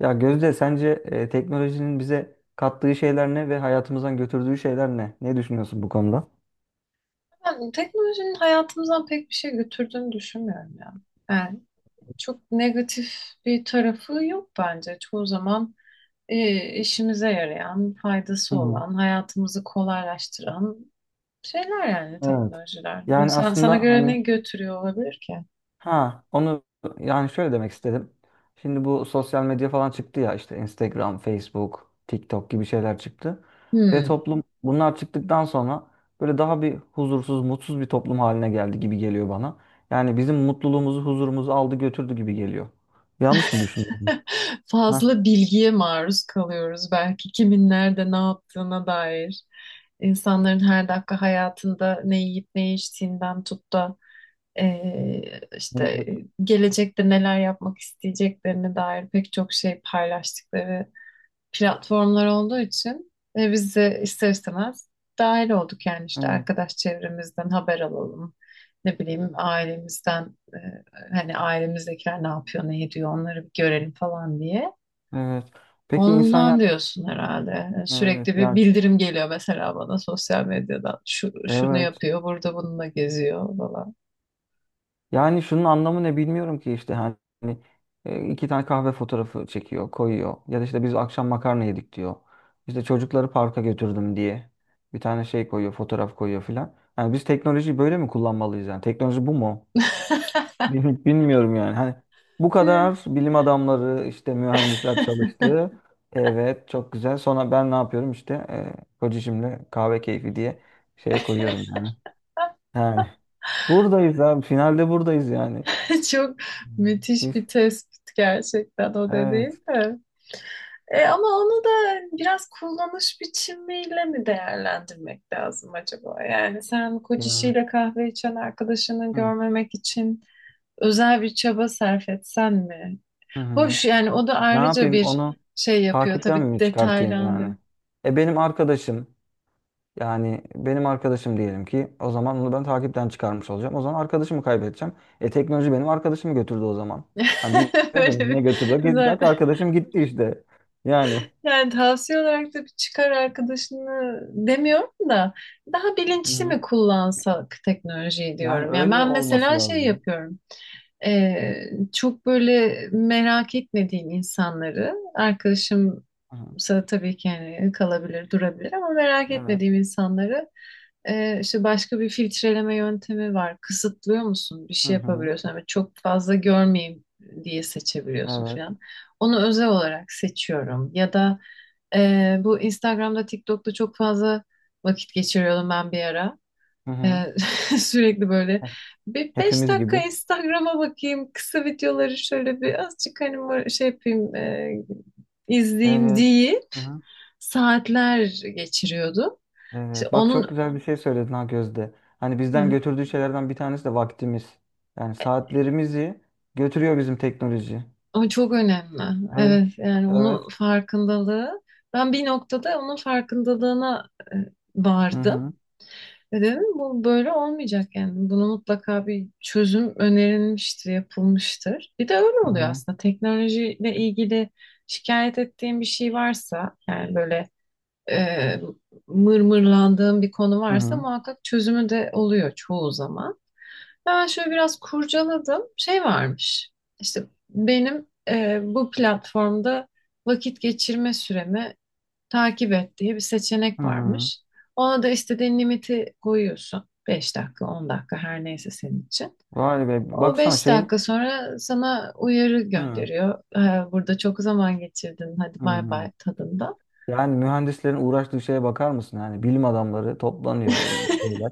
Ya Gözde sence teknolojinin bize kattığı şeyler ne ve hayatımızdan götürdüğü şeyler ne? Ne düşünüyorsun bu konuda? Ben teknolojinin hayatımızdan pek bir şey götürdüğünü düşünmüyorum ya. Yani çok negatif bir tarafı yok bence. Çoğu zaman işimize yarayan, Hı faydası hı. olan, hayatımızı kolaylaştıran şeyler yani Evet. teknolojiler. Yani Sen, sana aslında göre ne hani götürüyor olabilir ki? ha onu yani Şöyle demek istedim. Şimdi bu sosyal medya falan çıktı ya, işte Instagram, Facebook, TikTok gibi şeyler çıktı. Ve Hmm. toplum bunlar çıktıktan sonra böyle daha bir huzursuz, mutsuz bir toplum haline geldi gibi geliyor bana. Yani bizim mutluluğumuzu, huzurumuzu aldı götürdü gibi geliyor. Yanlış mı düşünüyorum? Heh. Fazla bilgiye maruz kalıyoruz belki kimin nerede ne yaptığına dair. İnsanların her dakika hayatında ne yiyip ne içtiğinden tut da Ee, işte Evet. gelecekte neler yapmak isteyeceklerine dair pek çok şey paylaştıkları platformlar olduğu için biz de ister istemez dahil olduk yani işte Evet. arkadaş çevremizden haber alalım. Ne bileyim ailemizden hani ailemizdekiler ne yapıyor ne ediyor onları bir görelim falan diye. Evet. Peki insan Ondan yani, diyorsun herhalde. Yani evet sürekli bir yani, bildirim geliyor mesela bana sosyal medyadan. Şunu evet. yapıyor, burada bununla geziyor falan. Yani şunun anlamı ne bilmiyorum ki, işte hani iki tane kahve fotoğrafı çekiyor, koyuyor. Ya da işte biz akşam makarna yedik diyor. İşte çocukları parka götürdüm diye bir tane şey koyuyor, fotoğraf koyuyor filan. Yani biz teknolojiyi böyle mi kullanmalıyız yani? Teknoloji bu mu? Bilmiyorum yani. Hani bu Hı. kadar bilim adamları, işte mühendisler çalıştı. Evet, çok güzel. Sonra ben ne yapıyorum işte, kocacığımla kahve keyfi diye şey koyuyorum yani. Yani buradayız abi. Finalde buradayız yani. Çok Hmm. müthiş Biz, bir tespit gerçekten o evet dediğin de. Ama onu da biraz kullanış biçimiyle mi değerlendirmek lazım acaba? Yani sen yani. kocasıyla kahve içen arkadaşını Hı görmemek için özel bir çaba sarf etsen mi? hı. Hı. Hoş yani o da Ne ayrıca yapayım, bir onu şey yapıyor takipten tabii mi çıkartayım detaylandırıyor. yani? E benim arkadaşım, yani benim arkadaşım diyelim ki, o zaman onu ben takipten çıkarmış olacağım. O zaman arkadaşımı kaybedeceğim. E teknoloji benim arkadaşımı götürdü o zaman. Hani diyoruz ya, Böyle bir ne götürdü? Bak, arkadaşım gitti işte. Yani. Yani tavsiye olarak da bir çıkar arkadaşını demiyorum da daha Hı bilinçli hı. mi kullansak teknolojiyi Yani diyorum. Yani öyle ben olması mesela şey lazım. yapıyorum. Ee, Çok böyle merak etmediğim insanları arkadaşımsa Hı hı. tabii ki yani kalabilir, durabilir ama merak Evet. etmediğim insanları işte başka bir filtreleme yöntemi var. Kısıtlıyor musun? Bir Hı şey hı. yapabiliyorsun ama çok fazla görmeyeyim diye seçebiliyorsun Evet. falan. Onu özel olarak seçiyorum ya da bu Instagram'da, TikTok'ta çok fazla vakit geçiriyordum ben bir ara. Hı Ee, hı. sürekli böyle Heh. bir beş Hepimiz dakika gibi. Instagram'a bakayım, kısa videoları şöyle bir azıcık hani böyle şey yapayım, izleyeyim Evet. deyip Hı hı. saatler geçiriyordum. İşte Evet. Bak, çok onun güzel bir şey söyledin ha Gözde. Hani bizden götürdüğü şeylerden bir tanesi de vaktimiz. Yani saatlerimizi götürüyor bizim teknoloji. o çok önemli. Öyle. Evet, yani onun Evet. farkındalığı. Ben bir noktada onun farkındalığına Hı vardım. hı. Ve dedim bu böyle olmayacak yani. Bunu mutlaka bir çözüm önerilmiştir, yapılmıştır. Bir de öyle Hı oluyor hı. aslında. Teknolojiyle ilgili şikayet ettiğim bir şey varsa yani böyle e, mırmırlandığım bir konu Hı varsa hı. muhakkak çözümü de oluyor çoğu zaman. Ben şöyle biraz kurcaladım. Şey varmış. İşte benim bu platformda vakit geçirme süremi takip et diye bir Hı seçenek hı. varmış. Ona da istediğin limiti koyuyorsun. Beş dakika, 10 dakika her neyse senin için. Vay be. O Baksana 5 şeyin. dakika sonra sana uyarı Hı. gönderiyor. Burada çok zaman geçirdin. Hadi bay Hı. bay" tadında. Yani mühendislerin uğraştığı şeye bakar mısın? Yani bilim adamları toplanıyor işte böyle.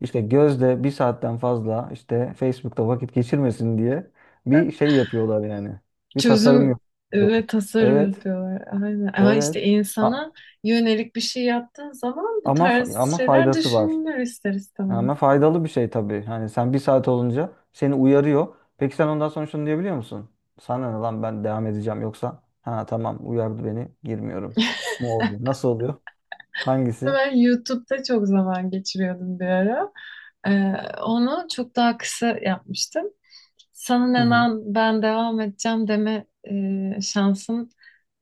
İşte Gözde bir saatten fazla işte Facebook'ta vakit geçirmesin diye bir şey yapıyorlar yani. Bir tasarım Çözüm ve yapıyorlar. tasarım Evet, yapıyorlar. Aynen. Ama işte evet. insana A- yönelik bir şey yaptığın zaman bu tarz ama şeyler faydası var. düşünülür ister istemez. Ama faydalı bir şey tabii. Hani sen bir saat olunca seni uyarıyor. Peki sen ondan sonra şunu diyebiliyor musun? Sana ne lan, ben devam edeceğim, yoksa ha tamam, uyardı beni, girmiyorum. Ne oluyor? Nasıl oluyor? Hangisi? Ben YouTube'da çok zaman geçiriyordum bir ara. Ee, Onu çok daha kısa yapmıştım. Sana Hı hı. hemen ben devam edeceğim deme şansın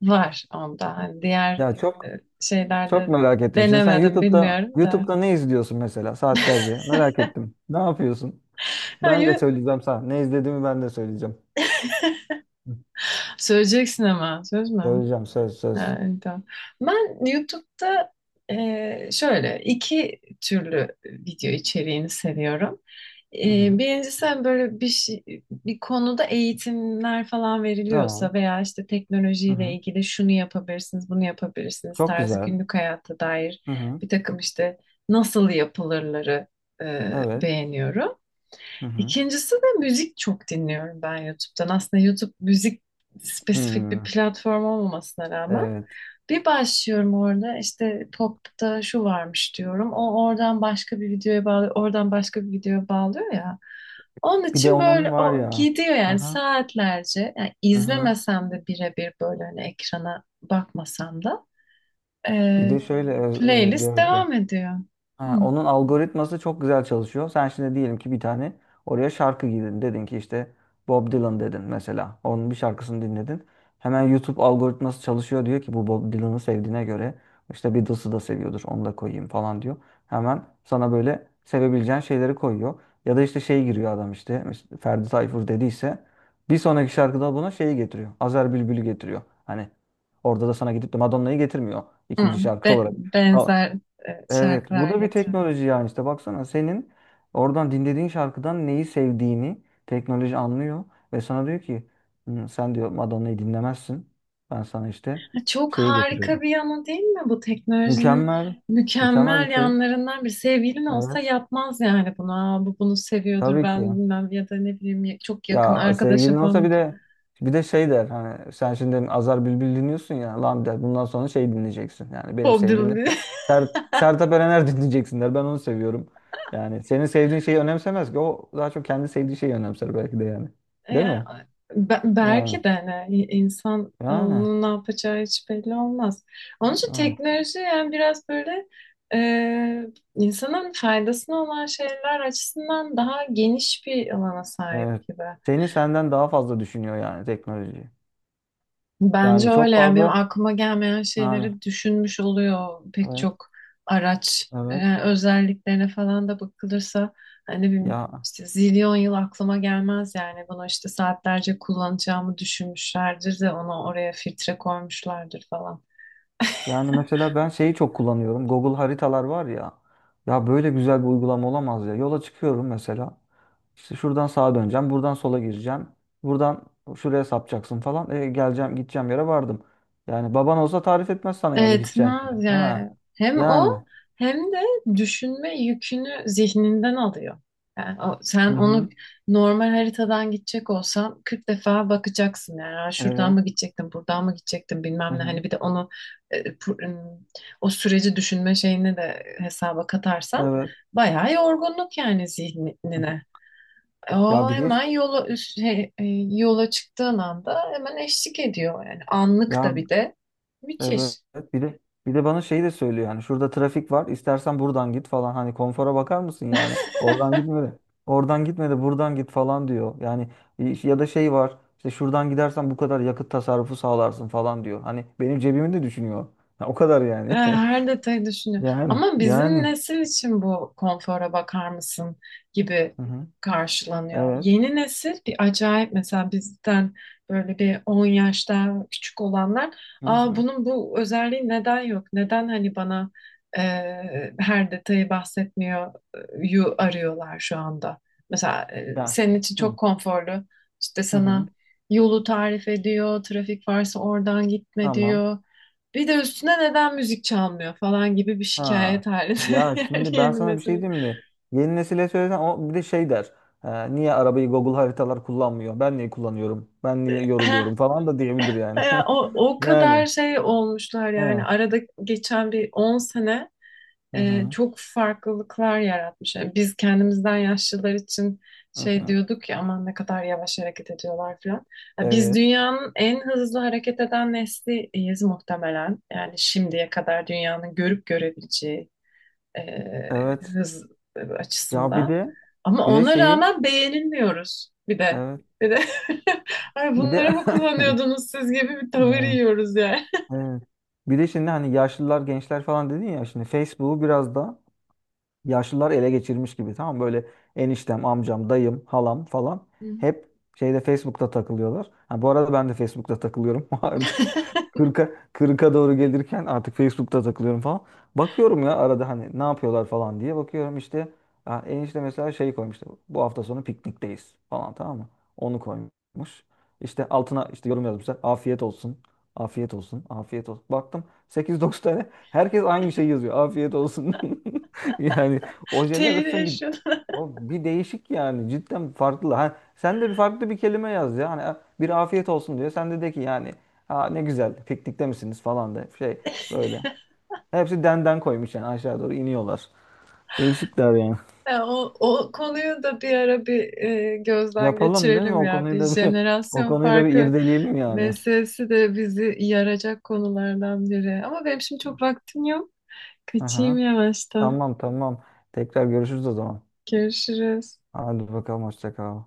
var onda. Hani diğer Ya e, çok Çok şeylerde merak ettim. Şimdi sen denemedim YouTube'da, bilmiyorum da. Ne izliyorsun mesela saatlerce? Merak ettim. Ne yapıyorsun? Ben de Hayır. söyleyeceğim sana. Ne izlediğimi ben de söyleyeceğim. Hı. Söyleyeceksin ama söz mü? Söyleyeceğim, söz söz. Ha, tamam. Ben YouTube'da şöyle iki türlü video içeriğini seviyorum. Hı hı. E, birincisi hani böyle bir şey, bir konuda eğitimler falan Tamam. veriliyorsa veya işte Hı teknolojiyle hı. ilgili şunu yapabilirsiniz, bunu yapabilirsiniz Çok tarzı güzel. günlük hayata dair Hı hı. bir takım işte nasıl yapılırları Evet. beğeniyorum. Hı hı. İkincisi de müzik çok dinliyorum ben YouTube'dan. Aslında YouTube müzik Hı. spesifik bir platform olmamasına rağmen. Evet. Bir başlıyorum orada işte popta şu varmış diyorum. O oradan başka bir videoya bağlıyor, oradan başka bir videoya bağlıyor ya. Onun Bir de için onun böyle var o ya. gidiyor Hı yani hı. saatlerce. Yani Hı hı. izlemesem de birebir böyle hani ekrana bakmasam da e, Bir de şöyle öz- e, playlist Gözde, devam ediyor. Hı, ha, onun algoritması çok güzel çalışıyor. Sen şimdi diyelim ki bir tane oraya şarkı girdin. Dedin ki işte Bob Dylan, dedin mesela. Onun bir şarkısını dinledin. Hemen YouTube algoritması çalışıyor, diyor ki bu Bob Dylan'ı sevdiğine göre işte Beatles'ı da seviyordur. Onu da koyayım falan diyor. Hemen sana böyle sevebileceğin şeyleri koyuyor. Ya da işte şey giriyor adam, işte Ferdi Tayfur dediyse bir sonraki şarkıda buna şeyi getiriyor. Azer Bülbül'ü getiriyor. Hani orada da sana gidip de Madonna'yı getirmiyor hı. ikinci şarkı Be- olarak. benzer Evet, bu şarkılar da bir getiriyor. teknoloji yani. İşte baksana, senin oradan dinlediğin şarkıdan neyi sevdiğini teknoloji anlıyor ve sana diyor ki "Hmm, sen diyor Madonna'yı dinlemezsin. Ben sana işte Çok şeyi harika getiriyorum." bir yanı değil mi bu teknolojinin Mükemmel, mükemmel mükemmel bir şey. yanlarından, bir sevgilin olsa Evet, yapmaz yani bunu. Aa, bu bunu seviyordur tabii ben ki. bilmem ya da ne bileyim çok yakın Ya sevgilin arkadaşım olsa falan bir de, şey der, hani sen şimdi Azar Bülbül dinliyorsun ya, lan der, bundan sonra şey dinleyeceksin. Yani benim Bob sevdiğim ne? Dylan'ı. Sertab Erener dinleyeceksin der. Ben onu seviyorum. Yani senin sevdiğin şeyi önemsemez ki. O daha çok kendi sevdiği şeyi önemser belki de yani. E, Değil mi? Yani. belki de hani insan Yani. onun ne yapacağı hiç belli olmaz. Onun için Evet. teknoloji yani biraz böyle e, insanın faydasına olan şeyler açısından daha geniş bir alana sahip Evet. gibi. Seni senden daha fazla düşünüyor yani teknoloji. Yani Bence çok öyle yani benim fazla, aklıma gelmeyen yani şeyleri düşünmüş oluyor pek evet çok araç evet, özelliklerine falan da bakılırsa hani benim ya. işte zilyon yıl aklıma gelmez yani bunu işte saatlerce kullanacağımı düşünmüşlerdir de ona oraya filtre koymuşlardır falan. Yani mesela ben şeyi çok kullanıyorum. Google haritalar var ya. Ya böyle güzel bir uygulama olamaz ya. Yola çıkıyorum mesela. İşte şuradan sağa döneceğim, buradan sola gireceğim. Buradan şuraya sapacaksın falan. E, geleceğim, gideceğim yere vardım. Yani baban olsa tarif etmez sana yani gideceğin yere. Etmez Ha. yani. Hem o Yani. hem de düşünme yükünü zihninden alıyor. Yani sen Hı onu hı. normal haritadan gidecek olsan 40 defa bakacaksın yani "Aa, şuradan Evet. mı gidecektim, buradan mı gidecektim Hı bilmem ne." Hani hı. bir de onu e, pu- ım, o süreci düşünme şeyini de hesaba katarsan Evet. bayağı yorgunluk yani Hı hı. zihnine. Ya O bir de hemen yola üst- şey, e, yola çıktığın anda hemen eşlik ediyor yani anlık ya da bir de Evet. müthiş. Bir de, bana şey de söylüyor yani, şurada trafik var, istersen buradan git falan, hani konfora bakar mısın yani, oradan gitme de, buradan git falan diyor. Yani ya da şey var, işte şuradan gidersen bu kadar yakıt tasarrufu sağlarsın falan diyor. Hani benim cebimi de düşünüyor. Ya o kadar E, yani. her detayı düşünüyor. Yani Ama bizim yani. nesil için bu konfora bakar mısın gibi Hı hı. karşılanıyor. Evet. Yeni nesil bir acayip mesela bizden böyle bir 10 yaşta küçük olanlar, Hı aa, hı. bunun bu özelliği neden yok? Neden hani bana e, her detayı bahsetmiyor yu arıyorlar şu anda. Mesela Ya. senin için Hı çok konforlu işte hı. sana Hı. yolu tarif ediyor, trafik varsa oradan gitme Tamam. diyor. Bir de üstüne neden müzik çalmıyor falan gibi bir Ha. şikayet halinde Ya yani şimdi ben yeni sana bir nesil. şey diyeyim mi? Yeni nesile söylesen o bir de şey der. Niye arabayı Google haritalar kullanmıyor? Ben niye kullanıyorum? Ben niye yoruluyorum falan" da diyebilir yani. Ya o kadar Yani. şey olmuşlar yani Ha. arada geçen bir 10 sene Hı hı. çok farklılıklar yaratmış. Yani biz kendimizden yaşlılar için Hı şey hı. diyorduk ya aman ne kadar yavaş hareket ediyorlar falan. Ya biz Evet. dünyanın en hızlı hareket eden nesliyiz muhtemelen. Yani şimdiye kadar dünyanın görüp görebileceği e, Evet. hız Ya bir açısından. de, Ama bir de ona şeyi rağmen beğenilmiyoruz bir de. evet. Bir de ay Bir de bunları mı kullanıyordunuz siz gibi bir tavır hı, yiyoruz yani. evet. Bir de şimdi hani yaşlılar, gençler falan dedin ya, şimdi Facebook'u biraz da yaşlılar ele geçirmiş gibi, tamam mı? Böyle eniştem, amcam, dayım, halam falan hep şeyde, Facebook'ta takılıyorlar. Ha, bu arada ben de Facebook'ta takılıyorum artık 40'a 40'a doğru gelirken artık Facebook'ta takılıyorum falan. Bakıyorum ya arada, hani ne yapıyorlar falan diye bakıyorum işte. Ha, enişte mesela şey koymuştu. Bu hafta sonu piknikteyiz falan, tamam mı? Onu koymuş. İşte altına işte yorum yazmışlar. Afiyet olsun. Afiyet olsun. Afiyet olsun. Baktım 8-9 tane herkes aynı şeyi yazıyor. Afiyet olsun. Yani o Teyit jenerasyon bir, yaşadım. o bir değişik yani, cidden farklı. Ha, sen de bir farklı bir kelime yaz ya. Hani bir afiyet olsun diyor. Sen de de ki yani, ha ne güzel, piknikte misiniz falan da şey böyle. Hepsi denden koymuş yani, aşağı doğru iniyorlar. Değişikler yani. Ya o konuyu da bir ara bir gözden Yapalım değil mi? geçirelim O ya. konuyu Bir da bir o jenerasyon konuyu da bir farkı irdeleyelim yani. meselesi de bizi yaracak konulardan biri. Ama benim şimdi çok vaktim yok. Kaçayım Aha, yavaştan. tamam tamam. Tekrar görüşürüz o zaman. Görüşürüz. Hadi bakalım, hoşça kal.